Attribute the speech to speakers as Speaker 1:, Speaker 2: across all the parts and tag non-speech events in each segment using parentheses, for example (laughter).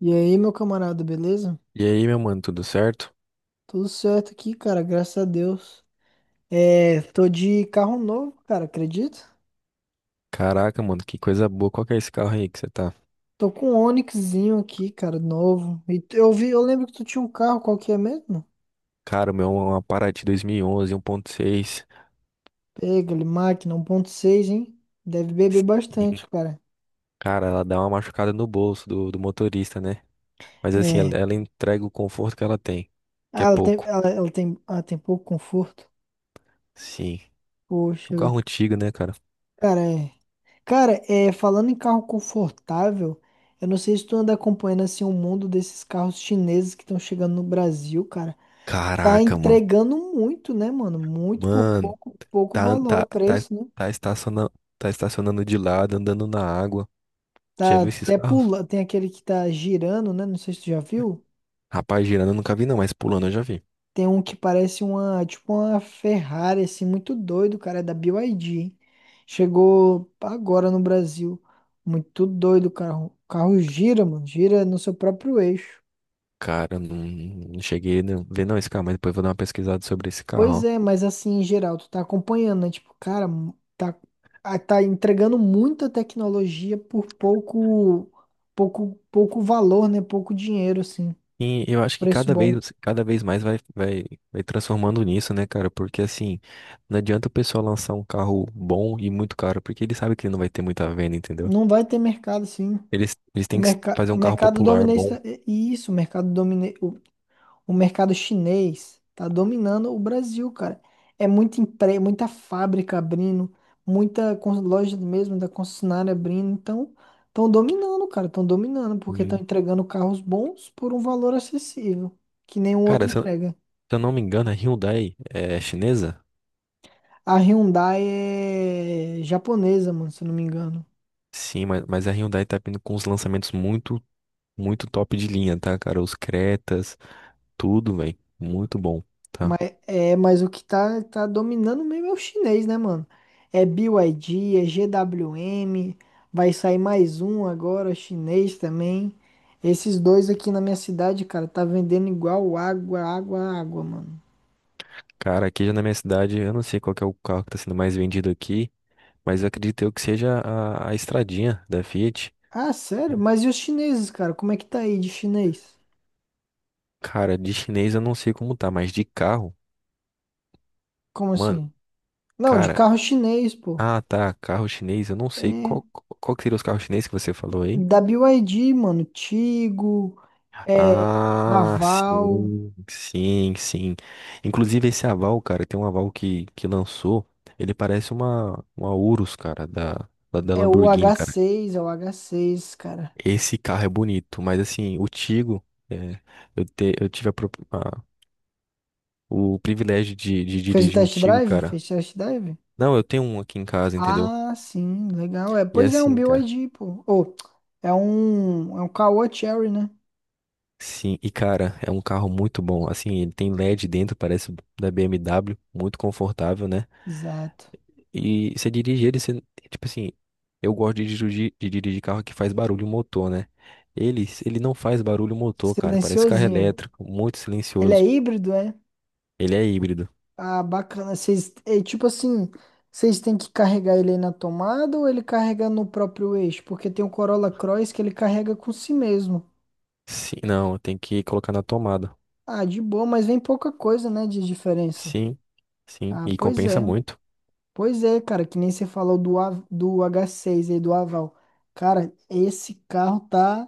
Speaker 1: E aí, meu camarada, beleza?
Speaker 2: E aí, meu mano, tudo certo?
Speaker 1: Tudo certo aqui, cara, graças a Deus. É, tô de carro novo, cara, acredita?
Speaker 2: Caraca, mano, que coisa boa. Qual que é esse carro aí que você tá?
Speaker 1: Tô com um Onixzinho aqui, cara, novo. Eu vi, eu lembro que tu tinha um carro, qual que é mesmo?
Speaker 2: Cara, o meu é uma Parati 2011, 1.6.
Speaker 1: Pega, ele, máquina 1.6, hein? Deve beber
Speaker 2: Sim.
Speaker 1: bastante, cara.
Speaker 2: Cara, ela dá uma machucada no bolso do motorista, né? Mas assim, ela,
Speaker 1: É.
Speaker 2: ela entrega o conforto que ela tem, que
Speaker 1: Ah,
Speaker 2: é
Speaker 1: ela tem,
Speaker 2: pouco.
Speaker 1: ela tem, tem pouco conforto.
Speaker 2: Sim. Um
Speaker 1: Poxa,
Speaker 2: carro
Speaker 1: vida.
Speaker 2: antigo, né, cara?
Speaker 1: Cara, é. Cara, é, falando em carro confortável, eu não sei se tu anda acompanhando assim o mundo desses carros chineses que estão chegando no Brasil, cara. Tá
Speaker 2: Caraca, mano.
Speaker 1: entregando muito, né, mano? Muito por
Speaker 2: Mano,
Speaker 1: pouco, pouco
Speaker 2: tá, tá,
Speaker 1: valor,
Speaker 2: tá,
Speaker 1: preço, né?
Speaker 2: tá estacionando, tá estacionando de lado, andando na água. Já
Speaker 1: Tá
Speaker 2: viu esses
Speaker 1: até
Speaker 2: carros?
Speaker 1: pula, tem aquele que tá girando, né? Não sei se tu já viu.
Speaker 2: Rapaz, girando eu nunca vi não, mas pulando eu já vi.
Speaker 1: Tem um que parece uma, tipo uma Ferrari, assim, muito doido, cara, é da BYD. Chegou agora no Brasil. Muito doido, o carro. O carro gira, mano, gira no seu próprio eixo.
Speaker 2: Cara, não, não cheguei a ver não esse carro, mas depois eu vou dar uma pesquisada sobre esse carro,
Speaker 1: Pois é,
Speaker 2: ó.
Speaker 1: mas assim, em geral, tu tá acompanhando, né? Tipo, cara, tá, tá entregando muita tecnologia por pouco, pouco valor, né? Pouco dinheiro, assim.
Speaker 2: E eu acho que
Speaker 1: Preço
Speaker 2: cada
Speaker 1: bom.
Speaker 2: vez, cada vez mais vai transformando nisso, né, cara? Porque assim, não adianta o pessoal lançar um carro bom e muito caro, porque ele sabe que ele não vai ter muita venda, entendeu?
Speaker 1: Não vai ter mercado, assim.
Speaker 2: Eles têm que fazer
Speaker 1: O
Speaker 2: um carro
Speaker 1: mercado
Speaker 2: popular
Speaker 1: dominante.
Speaker 2: bom.
Speaker 1: Isso, o mercado dominante. O mercado chinês tá dominando o Brasil, cara. Muita fábrica abrindo, loja mesmo da concessionária abrindo. Então, estão dominando, cara. Estão dominando porque estão
Speaker 2: Hum.
Speaker 1: entregando carros bons por um valor acessível, que nenhum
Speaker 2: Cara,
Speaker 1: outro
Speaker 2: se eu, se
Speaker 1: entrega.
Speaker 2: eu não me engano, a Hyundai é chinesa?
Speaker 1: A Hyundai é japonesa, mano, se eu não me engano.
Speaker 2: Sim, mas a Hyundai tá vindo com uns lançamentos muito, muito top de linha, tá, cara? Os Cretas, tudo, velho. Muito bom. Tá?
Speaker 1: Mas o que tá dominando mesmo é o chinês, né, mano? É BYD, é GWM, vai sair mais um agora, chinês também. Esses dois aqui na minha cidade, cara, tá vendendo igual água, água, água, mano.
Speaker 2: Cara, aqui já na minha cidade, eu não sei qual que é o carro que tá sendo mais vendido aqui, mas eu acredito eu que seja a estradinha da Fiat.
Speaker 1: Ah, sério? Mas e os chineses, cara? Como é que tá aí de chinês?
Speaker 2: Cara, de chinês eu não sei como tá, mas de carro,
Speaker 1: Como
Speaker 2: mano,
Speaker 1: assim? Não, de
Speaker 2: cara,
Speaker 1: carro chinês, pô.
Speaker 2: ah tá, carro chinês, eu não sei
Speaker 1: É,
Speaker 2: qual que seria os carros chineses que você falou aí.
Speaker 1: da BYD, mano, Tigo, é,
Speaker 2: Ah,
Speaker 1: Raval,
Speaker 2: sim, sim, sim. Inclusive esse aval, cara, tem um aval que lançou, ele parece uma Urus, cara, da
Speaker 1: é o
Speaker 2: Lamborghini,
Speaker 1: h
Speaker 2: cara.
Speaker 1: seis, é o h seis, cara.
Speaker 2: Esse carro é bonito, mas assim, o Tigo, é, eu tive o privilégio de
Speaker 1: Fez um
Speaker 2: dirigir um
Speaker 1: test
Speaker 2: Tigo,
Speaker 1: drive?
Speaker 2: cara.
Speaker 1: Fez test drive?
Speaker 2: Não, eu tenho um aqui em casa, entendeu?
Speaker 1: Ah, sim, legal. É,
Speaker 2: E é
Speaker 1: pois é um
Speaker 2: assim, cara.
Speaker 1: BYD, pô. Ou é um Caoa Cherry, né?
Speaker 2: Sim, e cara, é um carro muito bom. Assim, ele tem LED dentro, parece da BMW, muito confortável, né?
Speaker 1: Exato.
Speaker 2: E você dirige ele, tipo assim, eu gosto de dirigir carro que faz barulho motor, né? Ele não faz barulho motor, cara. Parece carro
Speaker 1: Silenciosinho.
Speaker 2: elétrico, muito
Speaker 1: Ele é
Speaker 2: silencioso.
Speaker 1: híbrido, é?
Speaker 2: Ele é híbrido.
Speaker 1: Ah, bacana. Vocês, é tipo assim, vocês têm que carregar ele aí na tomada ou ele carrega no próprio eixo? Porque tem o Corolla Cross que ele carrega com si mesmo.
Speaker 2: Sim, não, tem que colocar na tomada.
Speaker 1: Ah, de boa, mas vem pouca coisa, né, de diferença.
Speaker 2: Sim, sim,
Speaker 1: Ah,
Speaker 2: e
Speaker 1: pois
Speaker 2: compensa
Speaker 1: é.
Speaker 2: muito.
Speaker 1: Pois é, cara, que nem você falou do H6 aí, do Aval. Cara, esse carro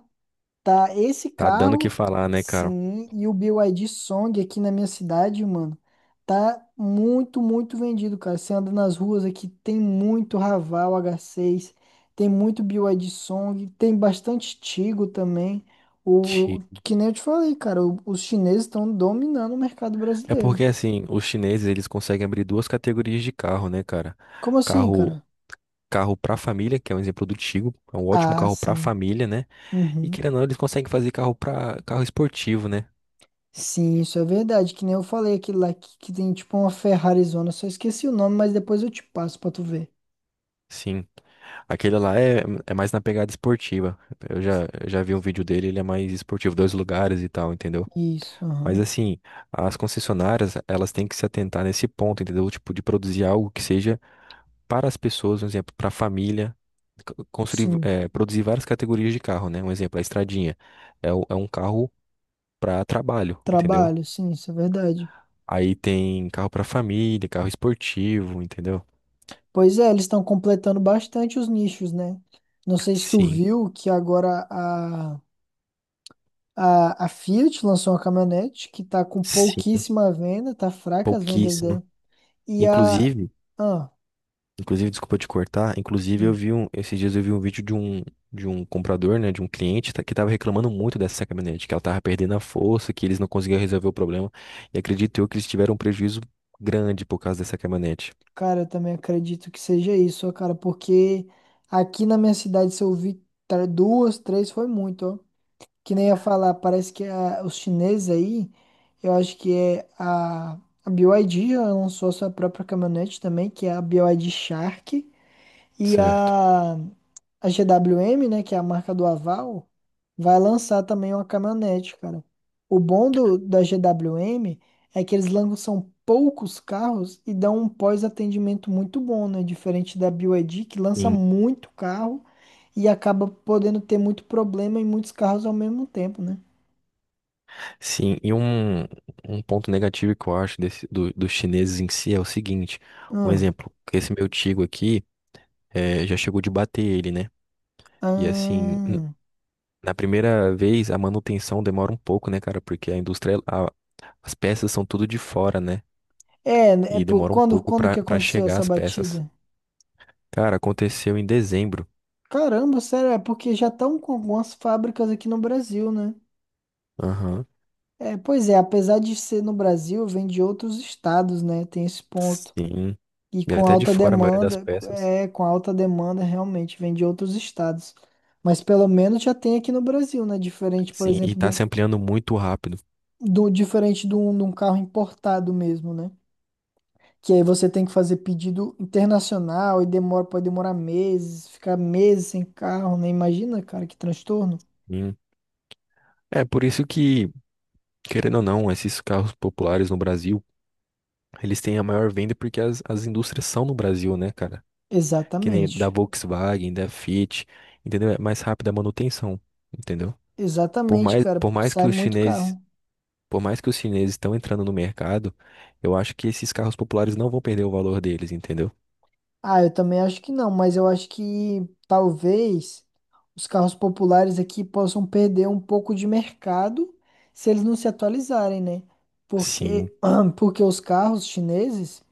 Speaker 1: tá, esse
Speaker 2: Tá dando o que
Speaker 1: carro,
Speaker 2: falar, né, cara?
Speaker 1: sim, e o BYD Song aqui na minha cidade, mano, tá muito, muito vendido, cara. Você anda nas ruas aqui, tem muito Raval H6, tem muito B Y D Song, tem bastante Tigo também.
Speaker 2: Ti-
Speaker 1: Que nem eu te falei, cara, os chineses estão dominando o mercado
Speaker 2: É
Speaker 1: brasileiro.
Speaker 2: porque assim, os chineses eles conseguem abrir duas categorias de carro, né, cara?
Speaker 1: Como assim,
Speaker 2: Carro,
Speaker 1: cara?
Speaker 2: carro para família, que é um exemplo do Tigo, é um ótimo
Speaker 1: Ah,
Speaker 2: carro para
Speaker 1: sim.
Speaker 2: família, né? E
Speaker 1: Uhum.
Speaker 2: querendo ou não, eles conseguem fazer carro para carro esportivo, né?
Speaker 1: Sim, isso é verdade. Que nem eu falei, aquele lá que tem tipo uma Ferrarizona. Eu só esqueci o nome, mas depois eu te passo pra tu ver.
Speaker 2: Sim. Aquele lá é mais na pegada esportiva. Eu já vi um vídeo dele, ele é mais esportivo, dois lugares e tal, entendeu?
Speaker 1: Isso,
Speaker 2: Mas
Speaker 1: aham.
Speaker 2: assim, as concessionárias, elas têm que se atentar nesse ponto, entendeu? Tipo, de produzir algo que seja para as pessoas, um exemplo, para a família,
Speaker 1: Sim,
Speaker 2: produzir várias categorias de carro, né? Um exemplo, a estradinha é um carro para trabalho, entendeu?
Speaker 1: trabalho, sim, isso é verdade.
Speaker 2: Aí tem carro para família, carro esportivo, entendeu?
Speaker 1: Pois é, eles estão completando bastante os nichos, né? Não sei se tu
Speaker 2: Sim,
Speaker 1: viu que agora a Fiat lançou uma caminhonete que tá com
Speaker 2: sim,
Speaker 1: pouquíssima venda, tá fraca as vendas
Speaker 2: pouquíssimo.
Speaker 1: dela. E a.
Speaker 2: Inclusive,
Speaker 1: Ah,
Speaker 2: Inclusive, desculpa te cortar, inclusive
Speaker 1: sim.
Speaker 2: esses dias eu vi um vídeo de um comprador, né, de um cliente que estava reclamando muito dessa caminhonete, que ela estava perdendo a força, que eles não conseguiam resolver o problema, e acredito eu que eles tiveram um prejuízo grande por causa dessa caminhonete.
Speaker 1: Cara, eu também acredito que seja isso, ó, cara, porque aqui na minha cidade, se eu vi duas, três, foi muito, ó. Que nem ia falar, parece que os chineses aí, eu acho que é a BYD, ela lançou a sua própria caminhonete também, que é a BYD Shark, e
Speaker 2: Certo.
Speaker 1: a GWM, né, que é a marca do Aval, vai lançar também uma caminhonete, cara. O bom da GWM é que eles lançam poucos carros e dão um pós-atendimento muito bom, né? Diferente da BYD, que lança
Speaker 2: Sim,
Speaker 1: muito carro e acaba podendo ter muito problema em muitos carros ao mesmo tempo, né?
Speaker 2: sim. E um ponto negativo que eu acho dos chineses em si é o seguinte, um
Speaker 1: Ah,
Speaker 2: exemplo, esse meu Tigo aqui já chegou de bater ele, né? E assim,
Speaker 1: ah.
Speaker 2: na primeira vez a manutenção demora um pouco, né, cara? Porque a indústria, as peças são tudo de fora, né?
Speaker 1: É, é
Speaker 2: E demora um
Speaker 1: quando,
Speaker 2: pouco
Speaker 1: quando
Speaker 2: pra,
Speaker 1: que
Speaker 2: pra
Speaker 1: aconteceu
Speaker 2: chegar
Speaker 1: essa
Speaker 2: as peças.
Speaker 1: batida?
Speaker 2: Cara, aconteceu em dezembro.
Speaker 1: Caramba, sério, é porque já estão com algumas fábricas aqui no Brasil, né?
Speaker 2: Aham.
Speaker 1: É, pois é, apesar de ser no Brasil, vem de outros estados, né? Tem esse ponto.
Speaker 2: Sim.
Speaker 1: E
Speaker 2: E
Speaker 1: com
Speaker 2: até de
Speaker 1: alta
Speaker 2: fora a maioria das
Speaker 1: demanda,
Speaker 2: peças.
Speaker 1: é, com alta demanda realmente vem de outros estados. Mas pelo menos já tem aqui no Brasil, né? Diferente, por
Speaker 2: Sim, e
Speaker 1: exemplo,
Speaker 2: tá se ampliando muito rápido.
Speaker 1: do diferente de de um carro importado mesmo, né? Que aí você tem que fazer pedido internacional e demora, pode demorar meses, ficar meses sem carro, né? Imagina, cara, que transtorno.
Speaker 2: Hum. É por isso que, querendo ou não, esses carros populares no Brasil, eles têm a maior venda porque as indústrias são no Brasil, né, cara? Que nem da
Speaker 1: Exatamente.
Speaker 2: Volkswagen, da Fiat, entendeu? É mais rápida a manutenção, entendeu? Por
Speaker 1: Exatamente,
Speaker 2: mais,
Speaker 1: cara.
Speaker 2: por mais
Speaker 1: Sai
Speaker 2: que os
Speaker 1: muito
Speaker 2: chineses
Speaker 1: carro.
Speaker 2: Por mais que os chineses estão entrando no mercado, eu acho que esses carros populares não vão perder o valor deles, entendeu?
Speaker 1: Ah, eu também acho que não, mas eu acho que talvez os carros populares aqui possam perder um pouco de mercado se eles não se atualizarem, né?
Speaker 2: Sim,
Speaker 1: Porque, (clears throat) porque os carros chineses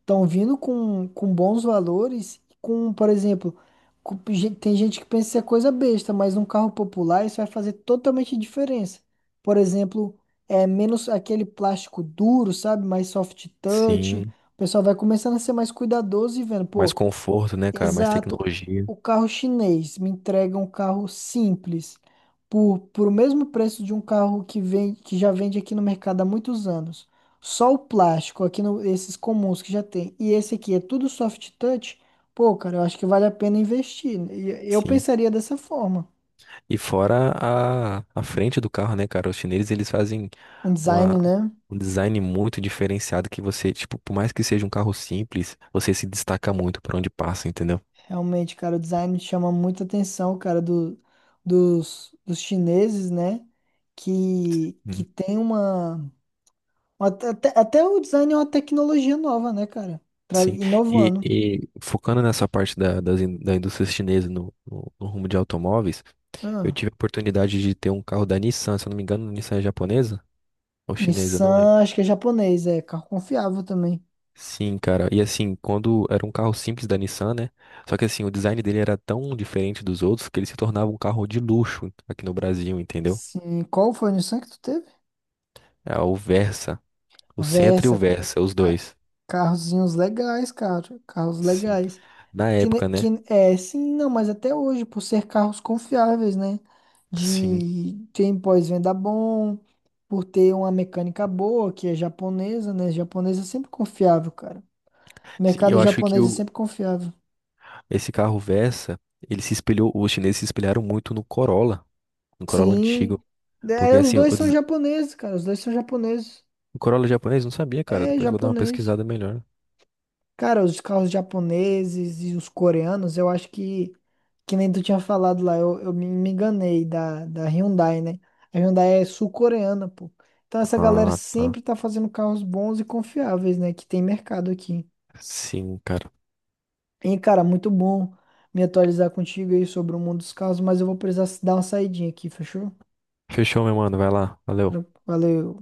Speaker 1: estão vindo com bons valores, com, por exemplo, tem gente que pensa que isso é coisa besta, mas num carro popular isso vai fazer totalmente diferença. Por exemplo, é menos aquele plástico duro, sabe? Mais soft touch.
Speaker 2: sim.
Speaker 1: O pessoal vai começando a ser mais cuidadoso e vendo,
Speaker 2: Mais
Speaker 1: pô.
Speaker 2: conforto, né, cara? Mais
Speaker 1: Exato.
Speaker 2: tecnologia,
Speaker 1: O carro chinês me entrega um carro simples por o mesmo preço de um carro que vem, que já vende aqui no mercado há muitos anos. Só o plástico, aqui no, esses comuns que já tem. E esse aqui é tudo soft touch. Pô, cara, eu acho que vale a pena investir. E eu
Speaker 2: sim.
Speaker 1: pensaria dessa forma.
Speaker 2: E fora a frente do carro, né, cara? Os chineses, eles fazem
Speaker 1: Um
Speaker 2: uma,
Speaker 1: design, né?
Speaker 2: um design muito diferenciado que você, tipo, por mais que seja um carro simples, você se destaca muito por onde passa, entendeu?
Speaker 1: Realmente, cara, o design chama muita atenção, cara, dos, dos chineses, né? Que
Speaker 2: Hum,
Speaker 1: tem uma. Até o design é uma tecnologia nova, né, cara?
Speaker 2: Sim. E,
Speaker 1: Inovando.
Speaker 2: e focando nessa parte da indústria chinesa no rumo de automóveis, eu
Speaker 1: Ah,
Speaker 2: tive a oportunidade de ter um carro da Nissan, se eu não me engano, Nissan é japonesa ou chinesa, eu não lembro.
Speaker 1: Nissan, acho que é japonês, é carro confiável também.
Speaker 2: Sim, cara. E assim, quando era um carro simples da Nissan, né? Só que assim, o design dele era tão diferente dos outros que ele se tornava um carro de luxo aqui no Brasil, entendeu?
Speaker 1: Sim, qual foi o Nissan que tu teve?
Speaker 2: É o Versa, o Sentra e o
Speaker 1: Versa,
Speaker 2: Versa, os
Speaker 1: ca-
Speaker 2: dois.
Speaker 1: carrozinhos legais, cara, carros
Speaker 2: Sim.
Speaker 1: legais.
Speaker 2: Na
Speaker 1: Que, ne-
Speaker 2: época, né?
Speaker 1: que é, sim, Não, mas até hoje, por ser carros confiáveis, né?
Speaker 2: Sim.
Speaker 1: De tem pós-venda bom, por ter uma mecânica boa, que é japonesa, né? Japonesa é sempre confiável, cara.
Speaker 2: Sim,
Speaker 1: Mercado
Speaker 2: eu acho que
Speaker 1: japonês é
Speaker 2: o
Speaker 1: sempre confiável.
Speaker 2: esse carro Versa, ele se espelhou, os chineses se espelharam muito no Corolla, no Corolla
Speaker 1: Sim.
Speaker 2: antigo, porque
Speaker 1: É, os
Speaker 2: assim,
Speaker 1: dois são japoneses, cara. Os dois são japoneses.
Speaker 2: o Corolla japonês não sabia, cara.
Speaker 1: É
Speaker 2: Depois eu vou dar uma
Speaker 1: japonês.
Speaker 2: pesquisada melhor.
Speaker 1: Cara, os carros japoneses e os coreanos, eu acho que nem tu tinha falado lá, eu me me enganei da Hyundai, né? A Hyundai é sul-coreana, pô. Então essa galera
Speaker 2: Ah, tá.
Speaker 1: sempre tá fazendo carros bons e confiáveis, né? Que tem mercado aqui.
Speaker 2: Sim, cara.
Speaker 1: E, cara, muito bom me atualizar contigo aí sobre o mundo dos carros, mas eu vou precisar dar uma saidinha aqui, fechou?
Speaker 2: Fechou, meu mano. Vai lá. Valeu.
Speaker 1: Valeu.